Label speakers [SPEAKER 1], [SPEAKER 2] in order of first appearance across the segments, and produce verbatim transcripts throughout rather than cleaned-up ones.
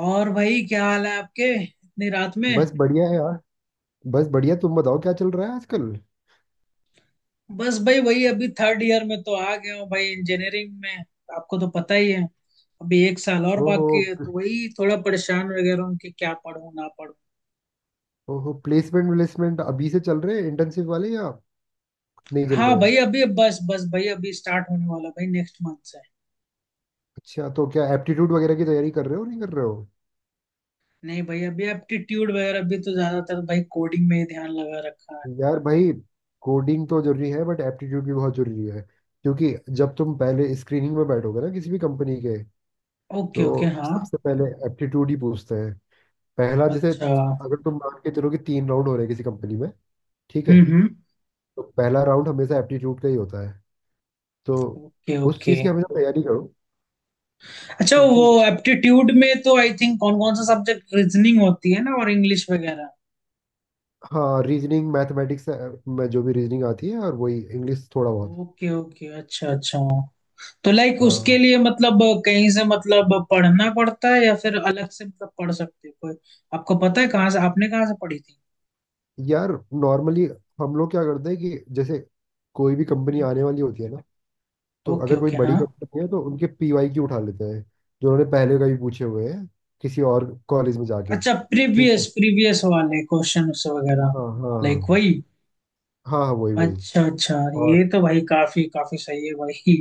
[SPEAKER 1] और भाई, क्या हाल है आपके इतनी रात में।
[SPEAKER 2] बस बढ़िया है यार। बस बढ़िया, तुम बताओ क्या चल रहा है आजकल।
[SPEAKER 1] बस भाई वही, अभी थर्ड ईयर में तो आ गया हूँ भाई, इंजीनियरिंग में। आपको तो पता ही है। अभी एक साल और
[SPEAKER 2] ओहो।
[SPEAKER 1] बाकी है, तो वही थोड़ा परेशान वगैरह हूँ कि क्या पढूं ना पढूं।
[SPEAKER 2] ओहो, प्लेसमेंट प्लेसमेंट अभी से चल रहे हैं इंटर्नशिप वाले या नहीं चल
[SPEAKER 1] हाँ
[SPEAKER 2] रहे?
[SPEAKER 1] भाई, अभी बस बस भाई, अभी स्टार्ट होने वाला भाई नेक्स्ट मंथ से।
[SPEAKER 2] अच्छा, तो क्या एप्टीट्यूड वगैरह की तैयारी कर रहे हो नहीं कर रहे हो?
[SPEAKER 1] नहीं भाई, अभी एप्टीट्यूड वगैरह भी तो ज्यादातर भाई कोडिंग में ही ध्यान लगा रखा है।
[SPEAKER 2] यार भाई, कोडिंग तो जरूरी है बट एप्टीट्यूड भी बहुत जरूरी है। क्योंकि जब तुम पहले स्क्रीनिंग में बैठोगे ना किसी भी कंपनी के,
[SPEAKER 1] ओके ओके,
[SPEAKER 2] तो
[SPEAKER 1] हाँ।
[SPEAKER 2] सबसे पहले एप्टीट्यूड ही पूछते हैं। पहला, जैसे
[SPEAKER 1] अच्छा।
[SPEAKER 2] अगर तुम मान के चलो कि तीन राउंड हो रहे हैं किसी कंपनी में, ठीक है,
[SPEAKER 1] हम्म हम्म।
[SPEAKER 2] तो पहला राउंड हमेशा एप्टीट्यूड का ही होता है। तो
[SPEAKER 1] ओके
[SPEAKER 2] उस
[SPEAKER 1] ओके।
[SPEAKER 2] चीज़ की हमेशा तैयारी करो।
[SPEAKER 1] अच्छा, वो
[SPEAKER 2] क्योंकि
[SPEAKER 1] एप्टीट्यूड में तो आई थिंक कौन कौन सा सब्जेक्ट, रीजनिंग होती है ना, और इंग्लिश वगैरह।
[SPEAKER 2] हाँ, रीजनिंग, मैथमेटिक्स में जो भी रीजनिंग आती है, और वही इंग्लिश थोड़ा बहुत।
[SPEAKER 1] ओके ओके, अच्छा अच्छा। तो लाइक उसके
[SPEAKER 2] हाँ।
[SPEAKER 1] लिए मतलब, कहीं से मतलब पढ़ना पड़ता है या फिर अलग से मतलब पढ़ सकते हो कोई। आपको पता है कहाँ से, आपने कहाँ से पढ़ी थी?
[SPEAKER 2] यार नॉर्मली हम लोग क्या करते हैं कि जैसे कोई भी कंपनी आने वाली होती है ना, तो
[SPEAKER 1] ओके
[SPEAKER 2] अगर कोई
[SPEAKER 1] ओके,
[SPEAKER 2] बड़ी
[SPEAKER 1] हाँ।
[SPEAKER 2] कंपनी है तो उनके पीवाई क्यू उठा लेते हैं, जो उन्होंने पहले कभी पूछे हुए हैं किसी और कॉलेज में जाके।
[SPEAKER 1] अच्छा,
[SPEAKER 2] ठीक है।
[SPEAKER 1] प्रीवियस प्रीवियस वाले क्वेश्चन वगैरह।
[SPEAKER 2] हाँ हाँ
[SPEAKER 1] लाइक
[SPEAKER 2] हाँ।
[SPEAKER 1] वही।
[SPEAKER 2] हाँ हाँ, वही वही।
[SPEAKER 1] अच्छा अच्छा। ये
[SPEAKER 2] और।
[SPEAKER 1] तो भाई काफी काफी सही है भाई।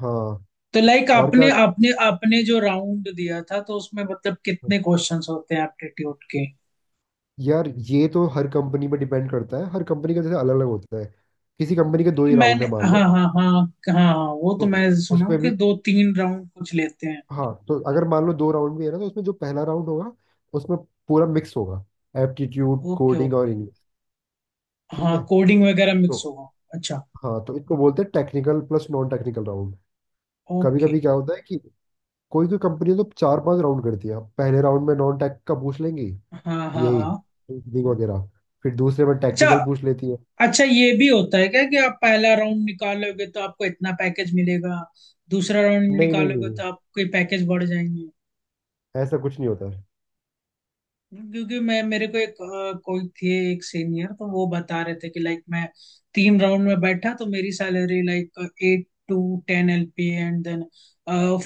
[SPEAKER 2] हाँ,
[SPEAKER 1] तो लाइक
[SPEAKER 2] और
[SPEAKER 1] आपने
[SPEAKER 2] क्या।
[SPEAKER 1] आपने आपने जो राउंड दिया था, तो उसमें मतलब कितने क्वेश्चंस होते हैं एप्टीट्यूड के?
[SPEAKER 2] यार ये तो हर कंपनी पे डिपेंड करता है, हर कंपनी का जैसे अलग अलग होता है। किसी कंपनी के दो
[SPEAKER 1] क्योंकि
[SPEAKER 2] ही राउंड
[SPEAKER 1] मैंने,
[SPEAKER 2] है मान
[SPEAKER 1] हाँ
[SPEAKER 2] लो,
[SPEAKER 1] हाँ हाँ। हाँ हाँ, वो तो मैं
[SPEAKER 2] तो
[SPEAKER 1] सुना
[SPEAKER 2] उसमें
[SPEAKER 1] हूँ कि
[SPEAKER 2] भी,
[SPEAKER 1] दो तीन राउंड कुछ लेते हैं।
[SPEAKER 2] हाँ तो अगर मान लो दो राउंड भी है ना, तो उसमें जो पहला राउंड होगा, उसमें पूरा मिक्स होगा, एप्टीट्यूड,
[SPEAKER 1] ओके
[SPEAKER 2] कोडिंग और
[SPEAKER 1] ओके,
[SPEAKER 2] इंग्लिश। ठीक
[SPEAKER 1] हाँ।
[SPEAKER 2] है,
[SPEAKER 1] कोडिंग वगैरह
[SPEAKER 2] तो
[SPEAKER 1] मिक्स होगा। अच्छा।
[SPEAKER 2] हाँ, तो इसको बोलते हैं technical plus non technical round. कभी
[SPEAKER 1] ओके।
[SPEAKER 2] कभी क्या होता है कि कोई कोई कंपनी तो चार पांच राउंड करती है, पहले राउंड में नॉन टेक का पूछ लेंगी,
[SPEAKER 1] हाँ हाँ
[SPEAKER 2] यही
[SPEAKER 1] हाँ।
[SPEAKER 2] coding वगैरह, फिर दूसरे में
[SPEAKER 1] अच्छा
[SPEAKER 2] टेक्निकल पूछ लेती है।
[SPEAKER 1] अच्छा, ये भी होता है क्या कि आप पहला राउंड निकालोगे तो आपको इतना पैकेज मिलेगा, दूसरा राउंड
[SPEAKER 2] नहीं नहीं नहीं
[SPEAKER 1] निकालोगे
[SPEAKER 2] नहीं,
[SPEAKER 1] तो आपके पैकेज बढ़ जाएंगे?
[SPEAKER 2] ऐसा कुछ नहीं होता है।
[SPEAKER 1] क्योंकि मैं, मेरे को एक अ, कोई थे, एक सीनियर, तो वो बता रहे थे कि लाइक मैं तीन राउंड में बैठा तो मेरी salary like eight to ten LP, and then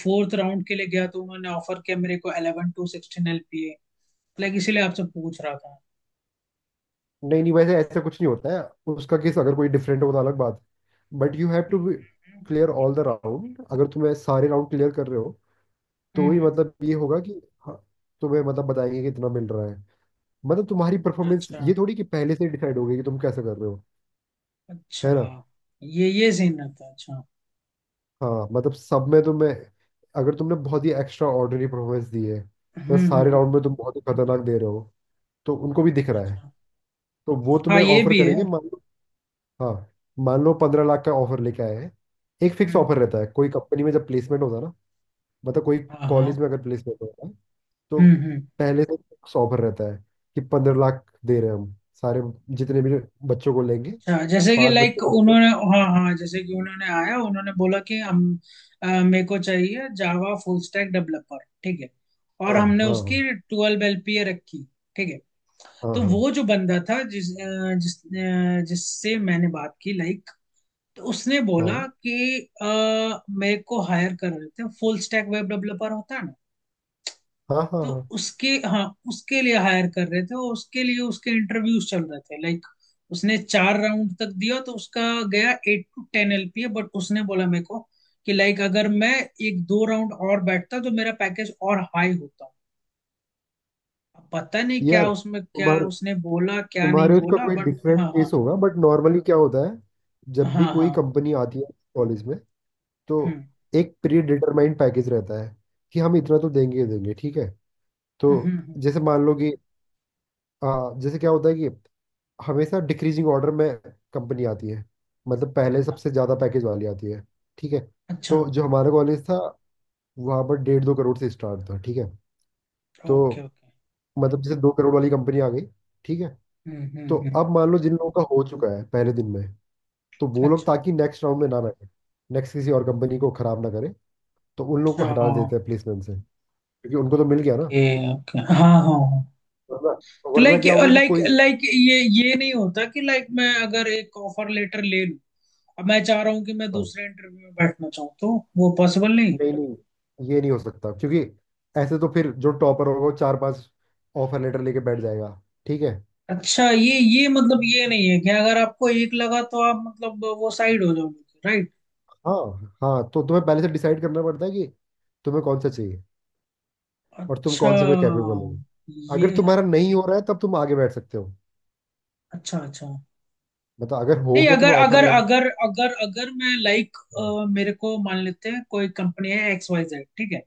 [SPEAKER 1] fourth round के लिए गया तो उन्होंने ऑफर किया मेरे को eleven to sixteen LP. Like इसीलिए आपसे पूछ रहा था।
[SPEAKER 2] नहीं नहीं, वैसे ऐसा कुछ नहीं होता है। उसका केस अगर कोई डिफरेंट हो तो अलग बात, but you have to clear all the round. अगर तुम्हें सारे राउंड क्लियर कर रहे हो,
[SPEAKER 1] हम्म
[SPEAKER 2] तो ही
[SPEAKER 1] हम्म,
[SPEAKER 2] मतलब ये होगा कि, हाँ, तुम्हें मतलब बताएंगे कि इतना मिल रहा है। मतलब तुम्हारी परफॉर्मेंस,
[SPEAKER 1] अच्छा
[SPEAKER 2] ये थोड़ी कि पहले से डिसाइड हो गई कि तुम कैसे कर रहे हो।
[SPEAKER 1] अच्छा।
[SPEAKER 2] है ना।
[SPEAKER 1] ये ये सीन रहता है? अच्छा।
[SPEAKER 2] हाँ मतलब सब में तुम्हें, अगर तुमने बहुत ही एक्स्ट्रा ऑर्डिनरी परफॉर्मेंस दी है,
[SPEAKER 1] हम्म
[SPEAKER 2] तो
[SPEAKER 1] हम्म
[SPEAKER 2] सारे
[SPEAKER 1] हम्म,
[SPEAKER 2] राउंड में तुम बहुत ही खतरनाक दे रहे हो, तो उनको भी दिख रहा है,
[SPEAKER 1] अच्छा,
[SPEAKER 2] तो वो
[SPEAKER 1] हाँ
[SPEAKER 2] तुम्हें
[SPEAKER 1] ये
[SPEAKER 2] ऑफर
[SPEAKER 1] भी है।
[SPEAKER 2] करेंगे, मान लो। हाँ, मान लो पंद्रह लाख का ऑफर लेके आए हैं। एक फिक्स
[SPEAKER 1] हम्म।
[SPEAKER 2] ऑफर रहता है कोई कंपनी में जब प्लेसमेंट होता है ना। मतलब कोई
[SPEAKER 1] हाँ
[SPEAKER 2] कॉलेज
[SPEAKER 1] हाँ।
[SPEAKER 2] में अगर प्लेसमेंट होता है, तो
[SPEAKER 1] हम्म हम्म।
[SPEAKER 2] पहले से फिक्स ऑफर रहता है कि पंद्रह लाख दे रहे हैं हम, सारे जितने भी बच्चों को लेंगे,
[SPEAKER 1] अच्छा, जैसे कि
[SPEAKER 2] पांच बच्चों
[SPEAKER 1] लाइक
[SPEAKER 2] को लेंगे।
[SPEAKER 1] उन्होंने, हाँ हाँ जैसे कि उन्होंने आया उन्होंने बोला कि हम, अ, मेरे को चाहिए जावा फुल स्टैक डेवलपर। ठीक है, और
[SPEAKER 2] हाँ
[SPEAKER 1] हमने उसकी
[SPEAKER 2] हाँ
[SPEAKER 1] ट्वेल्व एलपीए रखी। ठीक है।
[SPEAKER 2] हाँ
[SPEAKER 1] तो
[SPEAKER 2] हाँ।
[SPEAKER 1] वो जो बंदा था, जिस अ, जिस अ, जिससे मैंने बात की लाइक, तो उसने बोला
[SPEAKER 2] हाँ
[SPEAKER 1] कि अ, मेरे को हायर कर रहे थे, फुल स्टैक वेब डेवलपर होता है ना,
[SPEAKER 2] हाँ हाँ
[SPEAKER 1] तो
[SPEAKER 2] हाँ।
[SPEAKER 1] उसके, हाँ उसके लिए हायर कर रहे थे, और उसके लिए उसके इंटरव्यूज चल रहे थे लाइक। उसने चार राउंड तक दिया, तो उसका गया eight to ten LPA. But उसने बोला मेरे को कि लाइक अगर मैं एक दो राउंड और बैठता तो मेरा पैकेज और हाई होता। अब पता नहीं क्या
[SPEAKER 2] यार
[SPEAKER 1] उसमें क्या
[SPEAKER 2] तुम्हारे
[SPEAKER 1] उसने बोला क्या नहीं
[SPEAKER 2] तुम्हारे उसका
[SPEAKER 1] बोला,
[SPEAKER 2] कोई
[SPEAKER 1] बट
[SPEAKER 2] डिफरेंट
[SPEAKER 1] हाँ
[SPEAKER 2] केस
[SPEAKER 1] हाँ
[SPEAKER 2] होगा, बट नॉर्मली क्या होता है, जब भी
[SPEAKER 1] हाँ।
[SPEAKER 2] कोई
[SPEAKER 1] हाँ।
[SPEAKER 2] कंपनी आती है कॉलेज में, तो
[SPEAKER 1] हम्म
[SPEAKER 2] एक प्री डिटरमाइंड पैकेज रहता है कि हम इतना तो देंगे ही देंगे। ठीक है, तो
[SPEAKER 1] हम्म हम्म,
[SPEAKER 2] जैसे मान लो कि आ, जैसे क्या होता है कि हमेशा डिक्रीजिंग ऑर्डर में कंपनी आती है। मतलब पहले
[SPEAKER 1] हाँ।
[SPEAKER 2] सबसे ज़्यादा पैकेज वाली आती है। ठीक है,
[SPEAKER 1] अच्छा।
[SPEAKER 2] तो जो हमारा कॉलेज था, वहाँ पर डेढ़ दो करोड़ से स्टार्ट था। ठीक है, तो
[SPEAKER 1] ओके ओके।
[SPEAKER 2] मतलब जैसे दो करोड़ वाली कंपनी आ गई। ठीक है,
[SPEAKER 1] हम्म हम्म
[SPEAKER 2] तो
[SPEAKER 1] हम्म,
[SPEAKER 2] अब मान लो जिन लोगों का हो चुका है पहले दिन में, तो वो लोग,
[SPEAKER 1] अच्छा
[SPEAKER 2] ताकि नेक्स्ट राउंड में ना बैठे, नेक्स्ट किसी और कंपनी को खराब ना करे, तो उन लोगों को
[SPEAKER 1] अच्छा।
[SPEAKER 2] हटा देते हैं प्लेसमेंट से। क्योंकि उनको तो मिल गया ना,
[SPEAKER 1] ओके ओके, हाँ हाँ हाँ।
[SPEAKER 2] वरना
[SPEAKER 1] तो
[SPEAKER 2] वरना
[SPEAKER 1] लाइक,
[SPEAKER 2] क्या होगा कि
[SPEAKER 1] लाइक
[SPEAKER 2] कोई,
[SPEAKER 1] लाइक ये ये नहीं होता कि लाइक मैं अगर एक ऑफर लेटर ले लूं, अब मैं चाह रहा हूँ कि मैं
[SPEAKER 2] हाँ,
[SPEAKER 1] दूसरे इंटरव्यू में बैठना चाहूँ, तो वो पॉसिबल नहीं?
[SPEAKER 2] नहीं नहीं, ये नहीं हो सकता क्योंकि ऐसे तो फिर जो टॉपर होगा वो चार पांच ऑफर लेटर लेके बैठ जाएगा। ठीक है।
[SPEAKER 1] अच्छा, ये ये मतलब ये नहीं है कि अगर आपको एक लगा तो आप मतलब वो साइड हो जाओगे, राइट?
[SPEAKER 2] हाँ, हाँ तो तुम्हें पहले से डिसाइड करना पड़ता है कि तुम्हें कौन सा चाहिए और तुम
[SPEAKER 1] अच्छा,
[SPEAKER 2] कौन से में कैपेबल हो।
[SPEAKER 1] ये
[SPEAKER 2] अगर
[SPEAKER 1] है।
[SPEAKER 2] तुम्हारा नहीं हो रहा है तब तुम आगे बैठ सकते हो।
[SPEAKER 1] अच्छा अच्छा।
[SPEAKER 2] मतलब अगर हो
[SPEAKER 1] नहीं,
[SPEAKER 2] गया
[SPEAKER 1] अगर
[SPEAKER 2] तुम्हें ऑफर
[SPEAKER 1] अगर
[SPEAKER 2] लेटर।
[SPEAKER 1] अगर अगर अगर मैं लाइक,
[SPEAKER 2] हाँ
[SPEAKER 1] मेरे को मान लेते हैं कोई कंपनी है एक्स वाई जेड, ठीक है?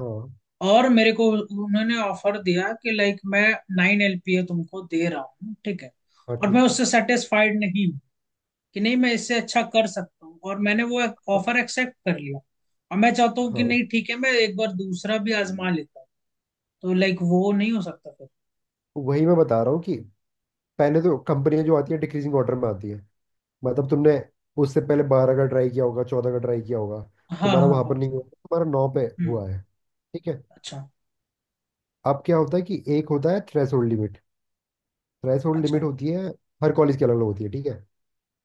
[SPEAKER 2] हाँ।
[SPEAKER 1] और मेरे को उन्होंने ऑफर दिया कि लाइक मैं नाइन एलपीए तुमको दे रहा हूँ, ठीक है?
[SPEAKER 2] हाँ,
[SPEAKER 1] और मैं
[SPEAKER 2] ठीक है।
[SPEAKER 1] उससे सेटिस्फाइड नहीं हूँ, कि नहीं मैं इससे अच्छा कर सकता हूँ, और मैंने वो
[SPEAKER 2] हाँ
[SPEAKER 1] ऑफर एक्सेप्ट कर लिया, और मैं चाहता हूँ कि
[SPEAKER 2] हाँ,
[SPEAKER 1] नहीं ठीक है, मैं एक बार दूसरा भी आजमा लेता हूँ, तो लाइक वो नहीं हो सकता फिर?
[SPEAKER 2] वही मैं बता रहा हूँ कि पहले तो कंपनियां जो आती है डिक्रीजिंग ऑर्डर में आती है। मतलब तुमने उससे पहले बारह का ट्राई किया होगा, चौदह का ट्राई किया होगा,
[SPEAKER 1] हाँ हाँ
[SPEAKER 2] तुम्हारा वहां
[SPEAKER 1] हाँ।
[SPEAKER 2] पर नहीं हुआ, तुम्हारा नौ पे
[SPEAKER 1] हम्म।
[SPEAKER 2] हुआ है। ठीक है।
[SPEAKER 1] अच्छा
[SPEAKER 2] अब क्या होता है कि एक होता है थ्रेशोल्ड लिमिट। थ्रेशोल्ड लिमिट
[SPEAKER 1] अच्छा।
[SPEAKER 2] होती है, हर कॉलेज की अलग अलग होती है। ठीक है,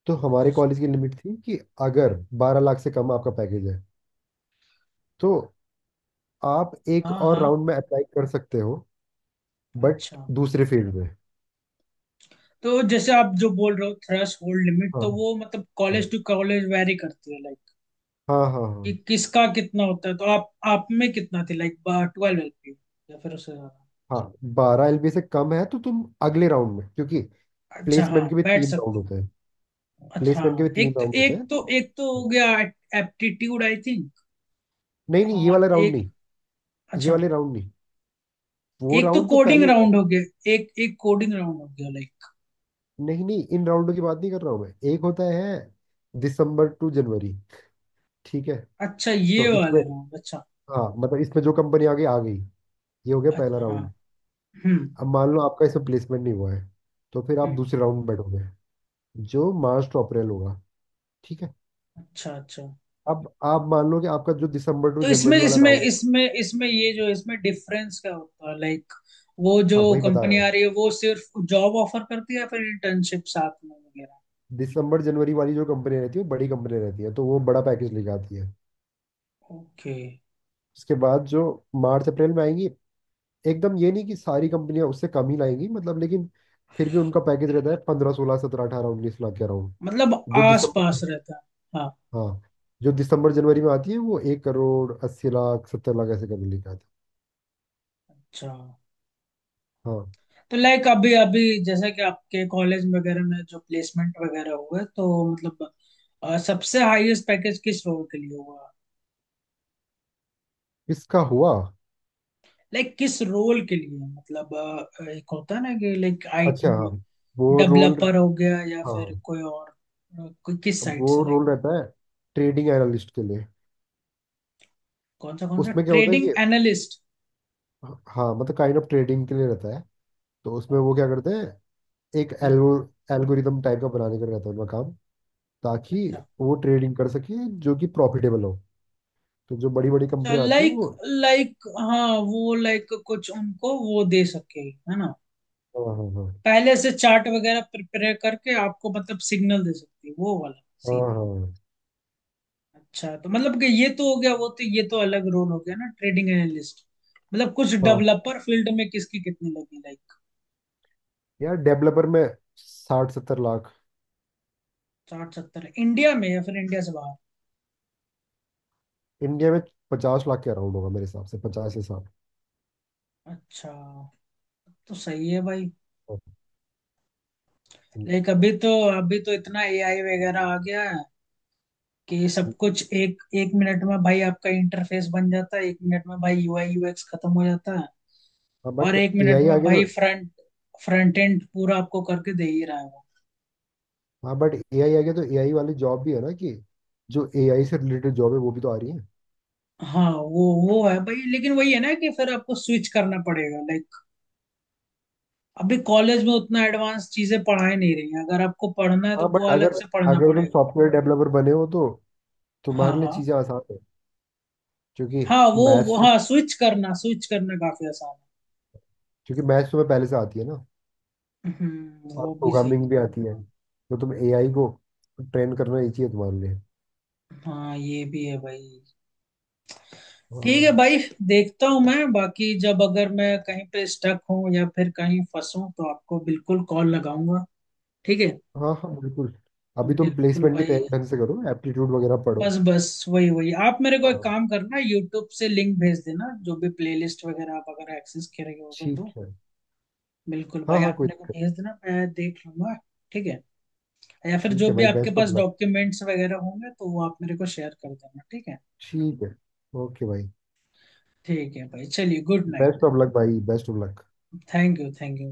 [SPEAKER 2] तो हमारे
[SPEAKER 1] अच्छा अच्छा।
[SPEAKER 2] कॉलेज की लिमिट थी कि अगर बारह लाख से कम आपका पैकेज है, तो आप एक
[SPEAKER 1] हाँ
[SPEAKER 2] और
[SPEAKER 1] हाँ।
[SPEAKER 2] राउंड में अप्लाई कर सकते हो, बट
[SPEAKER 1] अच्छा,
[SPEAKER 2] दूसरे फील्ड में।
[SPEAKER 1] तो जैसे आप जो बोल रहे हो थ्रेश होल्ड लिमिट,
[SPEAKER 2] हाँ
[SPEAKER 1] तो वो मतलब
[SPEAKER 2] हाँ
[SPEAKER 1] कॉलेज टू कॉलेज वेरी करती है लाइक,
[SPEAKER 2] हाँ हाँ।
[SPEAKER 1] कि
[SPEAKER 2] हाँ
[SPEAKER 1] किसका कितना होता है? तो आप आप में कितना थी लाइक, ट्वेल्व एलपी या फिर उससे ज्यादा?
[SPEAKER 2] हाँ, बारह एलबी से कम है तो तुम अगले राउंड में, क्योंकि
[SPEAKER 1] अच्छा
[SPEAKER 2] प्लेसमेंट
[SPEAKER 1] हाँ,
[SPEAKER 2] के भी
[SPEAKER 1] बैठ
[SPEAKER 2] तीन राउंड
[SPEAKER 1] सकते
[SPEAKER 2] होते हैं।
[SPEAKER 1] हो। अच्छा
[SPEAKER 2] प्लेसमेंट के
[SPEAKER 1] हाँ,
[SPEAKER 2] भी तीन
[SPEAKER 1] एक तो
[SPEAKER 2] राउंड होते
[SPEAKER 1] एक
[SPEAKER 2] हैं,
[SPEAKER 1] तो
[SPEAKER 2] तो
[SPEAKER 1] एक तो हो गया, एप्टीट्यूड आई थिंक,
[SPEAKER 2] नहीं नहीं, ये
[SPEAKER 1] और
[SPEAKER 2] वाला राउंड
[SPEAKER 1] एक।
[SPEAKER 2] नहीं, ये
[SPEAKER 1] अच्छा।
[SPEAKER 2] वाले राउंड नहीं, वो
[SPEAKER 1] एक तो
[SPEAKER 2] राउंड तो
[SPEAKER 1] कोडिंग
[SPEAKER 2] पहले होता है।
[SPEAKER 1] राउंड हो गया, एक एक कोडिंग राउंड हो गया लाइक।
[SPEAKER 2] नहीं नहीं, इन राउंडों की बात नहीं कर रहा हूँ मैं। एक होता है दिसंबर टू जनवरी, ठीक है,
[SPEAKER 1] अच्छा, ये
[SPEAKER 2] तो इसमें,
[SPEAKER 1] वाले राउंड? अच्छा।
[SPEAKER 2] हाँ मतलब इसमें जो कंपनी आ गई आ गई, ये हो गया पहला
[SPEAKER 1] अच्छा हाँ।
[SPEAKER 2] राउंड।
[SPEAKER 1] हम्म हम्म
[SPEAKER 2] अब मान लो आपका इसमें प्लेसमेंट नहीं हुआ है, तो फिर आप
[SPEAKER 1] हम्म,
[SPEAKER 2] दूसरे राउंड में बैठोगे, जो मार्च टू अप्रैल होगा। ठीक है।
[SPEAKER 1] अच्छा अच्छा।
[SPEAKER 2] अब आप मान लो कि आपका जो दिसंबर टू
[SPEAKER 1] तो इसमें
[SPEAKER 2] जनवरी वाला
[SPEAKER 1] इसमें
[SPEAKER 2] राउंड,
[SPEAKER 1] इसमें इसमें ये जो है, इसमें डिफरेंस क्या होता है लाइक? वो जो
[SPEAKER 2] हाँ वही बता रहा
[SPEAKER 1] कंपनी आ
[SPEAKER 2] हूँ,
[SPEAKER 1] रही है वो सिर्फ जॉब ऑफर करती है, या फिर इंटर्नशिप साथ में वगैरह?
[SPEAKER 2] दिसंबर जनवरी वाली जो कंपनी रहती है वो बड़ी कंपनी रहती है, तो वो बड़ा पैकेज लेके आती है।
[SPEAKER 1] ओके।
[SPEAKER 2] उसके बाद जो मार्च अप्रैल में आएंगी, एकदम ये नहीं कि सारी कंपनियां उससे कम ही लाएंगी मतलब, लेकिन फिर भी उनका पैकेज रहता है पंद्रह सोलह सत्रह अठारह उन्नीस लाख के अराउंड।
[SPEAKER 1] मतलब
[SPEAKER 2] जो
[SPEAKER 1] आस पास
[SPEAKER 2] दिसंबर,
[SPEAKER 1] रहता है। हाँ।
[SPEAKER 2] हाँ, जो दिसंबर जनवरी में आती है वो एक करोड़ अस्सी लाख, सत्तर लाख ऐसे करके लेके आती
[SPEAKER 1] अच्छा,
[SPEAKER 2] है। हाँ।
[SPEAKER 1] तो लाइक अभी अभी जैसे कि आपके कॉलेज वगैरह में जो प्लेसमेंट वगैरह हुए तो मतलब, अ, सबसे हाईएस्ट पैकेज किस रोल के लिए हुआ?
[SPEAKER 2] इसका हुआ।
[SPEAKER 1] लाइक किस रोल के लिए मतलब, अ, एक होता है ना कि लाइक आईटी
[SPEAKER 2] अच्छा हाँ, वो रोल।
[SPEAKER 1] डेवलपर हो गया या
[SPEAKER 2] हाँ
[SPEAKER 1] फिर
[SPEAKER 2] हाँ,
[SPEAKER 1] कोई और, अ, कोई किस साइड
[SPEAKER 2] वो
[SPEAKER 1] से लाइक?
[SPEAKER 2] रोल रहता है ट्रेडिंग एनालिस्ट के लिए।
[SPEAKER 1] कौन सा कौन सा
[SPEAKER 2] उसमें क्या होता है
[SPEAKER 1] ट्रेडिंग
[SPEAKER 2] कि,
[SPEAKER 1] एनालिस्ट?
[SPEAKER 2] हाँ मतलब काइंड ऑफ ट्रेडिंग के लिए रहता है, तो उसमें वो
[SPEAKER 1] ओके
[SPEAKER 2] क्या
[SPEAKER 1] ओके।
[SPEAKER 2] करते हैं, एक
[SPEAKER 1] हम्म।
[SPEAKER 2] एल्गो, एल्गोरिदम टाइप का बनाने का रहता है उनका काम, ताकि
[SPEAKER 1] अच्छा।
[SPEAKER 2] वो ट्रेडिंग कर सके जो कि प्रॉफिटेबल हो। तो जो बड़ी बड़ी कंपनियां आती है
[SPEAKER 1] लाइक
[SPEAKER 2] वो,
[SPEAKER 1] लाइक हाँ, वो लाइक कुछ उनको वो दे सके, है ना?
[SPEAKER 2] हाँ हाँ हाँ।
[SPEAKER 1] पहले से चार्ट वगैरह प्रिपेयर करके आपको मतलब सिग्नल दे सकती है, वो वाला
[SPEAKER 2] हाँ
[SPEAKER 1] सीन।
[SPEAKER 2] हाँ
[SPEAKER 1] अच्छा, तो मतलब कि ये तो हो गया, वो तो, ये तो अलग रोल हो गया ना ट्रेडिंग एनालिस्ट। मतलब कुछ
[SPEAKER 2] हाँ।
[SPEAKER 1] डेवलपर फील्ड में किसकी कितनी लगी लाइक?
[SPEAKER 2] यार डेवलपर में साठ सत्तर लाख।
[SPEAKER 1] साठ सत्तर इंडिया में या फिर इंडिया से बाहर?
[SPEAKER 2] इंडिया में पचास लाख के अराउंड होगा मेरे हिसाब से, पचास से साठ।
[SPEAKER 1] अच्छा। तो सही है भाई। लाइक अभी तो अभी तो इतना एआई वगैरह आ गया है कि सब कुछ एक एक मिनट में भाई आपका इंटरफेस बन जाता है, एक मिनट में भाई यूआई यूएक्स खत्म हो जाता है,
[SPEAKER 2] हाँ
[SPEAKER 1] और
[SPEAKER 2] बट
[SPEAKER 1] एक
[SPEAKER 2] ए
[SPEAKER 1] मिनट
[SPEAKER 2] आई
[SPEAKER 1] में
[SPEAKER 2] आ गया तो,
[SPEAKER 1] भाई फ्रंट फ्रंट एंड पूरा आपको करके दे ही रहा है वो।
[SPEAKER 2] हाँ बट ए आई आ गया तो ए आई वाली जॉब भी है ना, कि जो ए आई से रिलेटेड जॉब है वो भी तो आ रही है।
[SPEAKER 1] हाँ वो वो है भाई, लेकिन वही है ना कि फिर आपको स्विच करना पड़ेगा लाइक, अभी कॉलेज में उतना एडवांस चीजें पढ़ाई नहीं रही हैं, अगर आपको पढ़ना है तो
[SPEAKER 2] हाँ
[SPEAKER 1] वो
[SPEAKER 2] बट
[SPEAKER 1] अलग
[SPEAKER 2] अगर
[SPEAKER 1] से पढ़ना
[SPEAKER 2] अगर तुम
[SPEAKER 1] पड़ेगा।
[SPEAKER 2] सॉफ्टवेयर डेवलपर बने हो तो
[SPEAKER 1] हाँ
[SPEAKER 2] तुम्हारे लिए
[SPEAKER 1] हाँ।
[SPEAKER 2] चीज़ें आसान है। क्योंकि
[SPEAKER 1] हाँ वो वो
[SPEAKER 2] मैथ्स तो
[SPEAKER 1] हाँ, स्विच करना स्विच करना काफी आसान है।
[SPEAKER 2] क्योंकि मैथ्स तुम्हें पहले से आती है ना,
[SPEAKER 1] हम्म,
[SPEAKER 2] और
[SPEAKER 1] वो भी सही।
[SPEAKER 2] प्रोग्रामिंग भी आती है, तो तुम एआई को ट्रेन करना ही चाहिए तुम्हारे लिए।
[SPEAKER 1] हाँ, ये भी है भाई। ठीक
[SPEAKER 2] हाँ
[SPEAKER 1] है भाई, देखता हूँ मैं बाकी, जब अगर मैं कहीं पे स्टक हूँ या फिर कहीं फंसूँ तो आपको बिल्कुल कॉल लगाऊंगा, ठीक है?
[SPEAKER 2] हाँ। हाँ, बिल्कुल। अभी तुम
[SPEAKER 1] बिल्कुल
[SPEAKER 2] प्लेसमेंट की
[SPEAKER 1] भाई।
[SPEAKER 2] तैयारी ढंग से करो, एप्टीट्यूड वगैरह पढ़ो।
[SPEAKER 1] बस बस वही वही आप मेरे को एक
[SPEAKER 2] हाँ,
[SPEAKER 1] काम करना, यूट्यूब से लिंक भेज देना जो भी प्लेलिस्ट वगैरह आप अगर एक्सेस कर रहे हो
[SPEAKER 2] ठीक
[SPEAKER 1] तो।
[SPEAKER 2] है।
[SPEAKER 1] बिल्कुल
[SPEAKER 2] हाँ
[SPEAKER 1] भाई,
[SPEAKER 2] हाँ,
[SPEAKER 1] आप
[SPEAKER 2] कोई
[SPEAKER 1] मेरे को
[SPEAKER 2] दिक्कत
[SPEAKER 1] भेज देना, मैं देख लूंगा। ठीक है। या फिर
[SPEAKER 2] नहीं। ठीक
[SPEAKER 1] जो
[SPEAKER 2] है
[SPEAKER 1] भी
[SPEAKER 2] भाई,
[SPEAKER 1] आपके
[SPEAKER 2] बेस्ट ऑफ
[SPEAKER 1] पास
[SPEAKER 2] लक।
[SPEAKER 1] डॉक्यूमेंट्स वगैरह होंगे तो वो आप मेरे को शेयर कर देना, ठीक है?
[SPEAKER 2] ठीक है। ओके भाई,
[SPEAKER 1] ठीक है भाई, चलिए good night.
[SPEAKER 2] Best of luck भाई, best of luck.
[SPEAKER 1] Thank you thank you.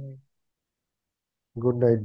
[SPEAKER 2] Good night.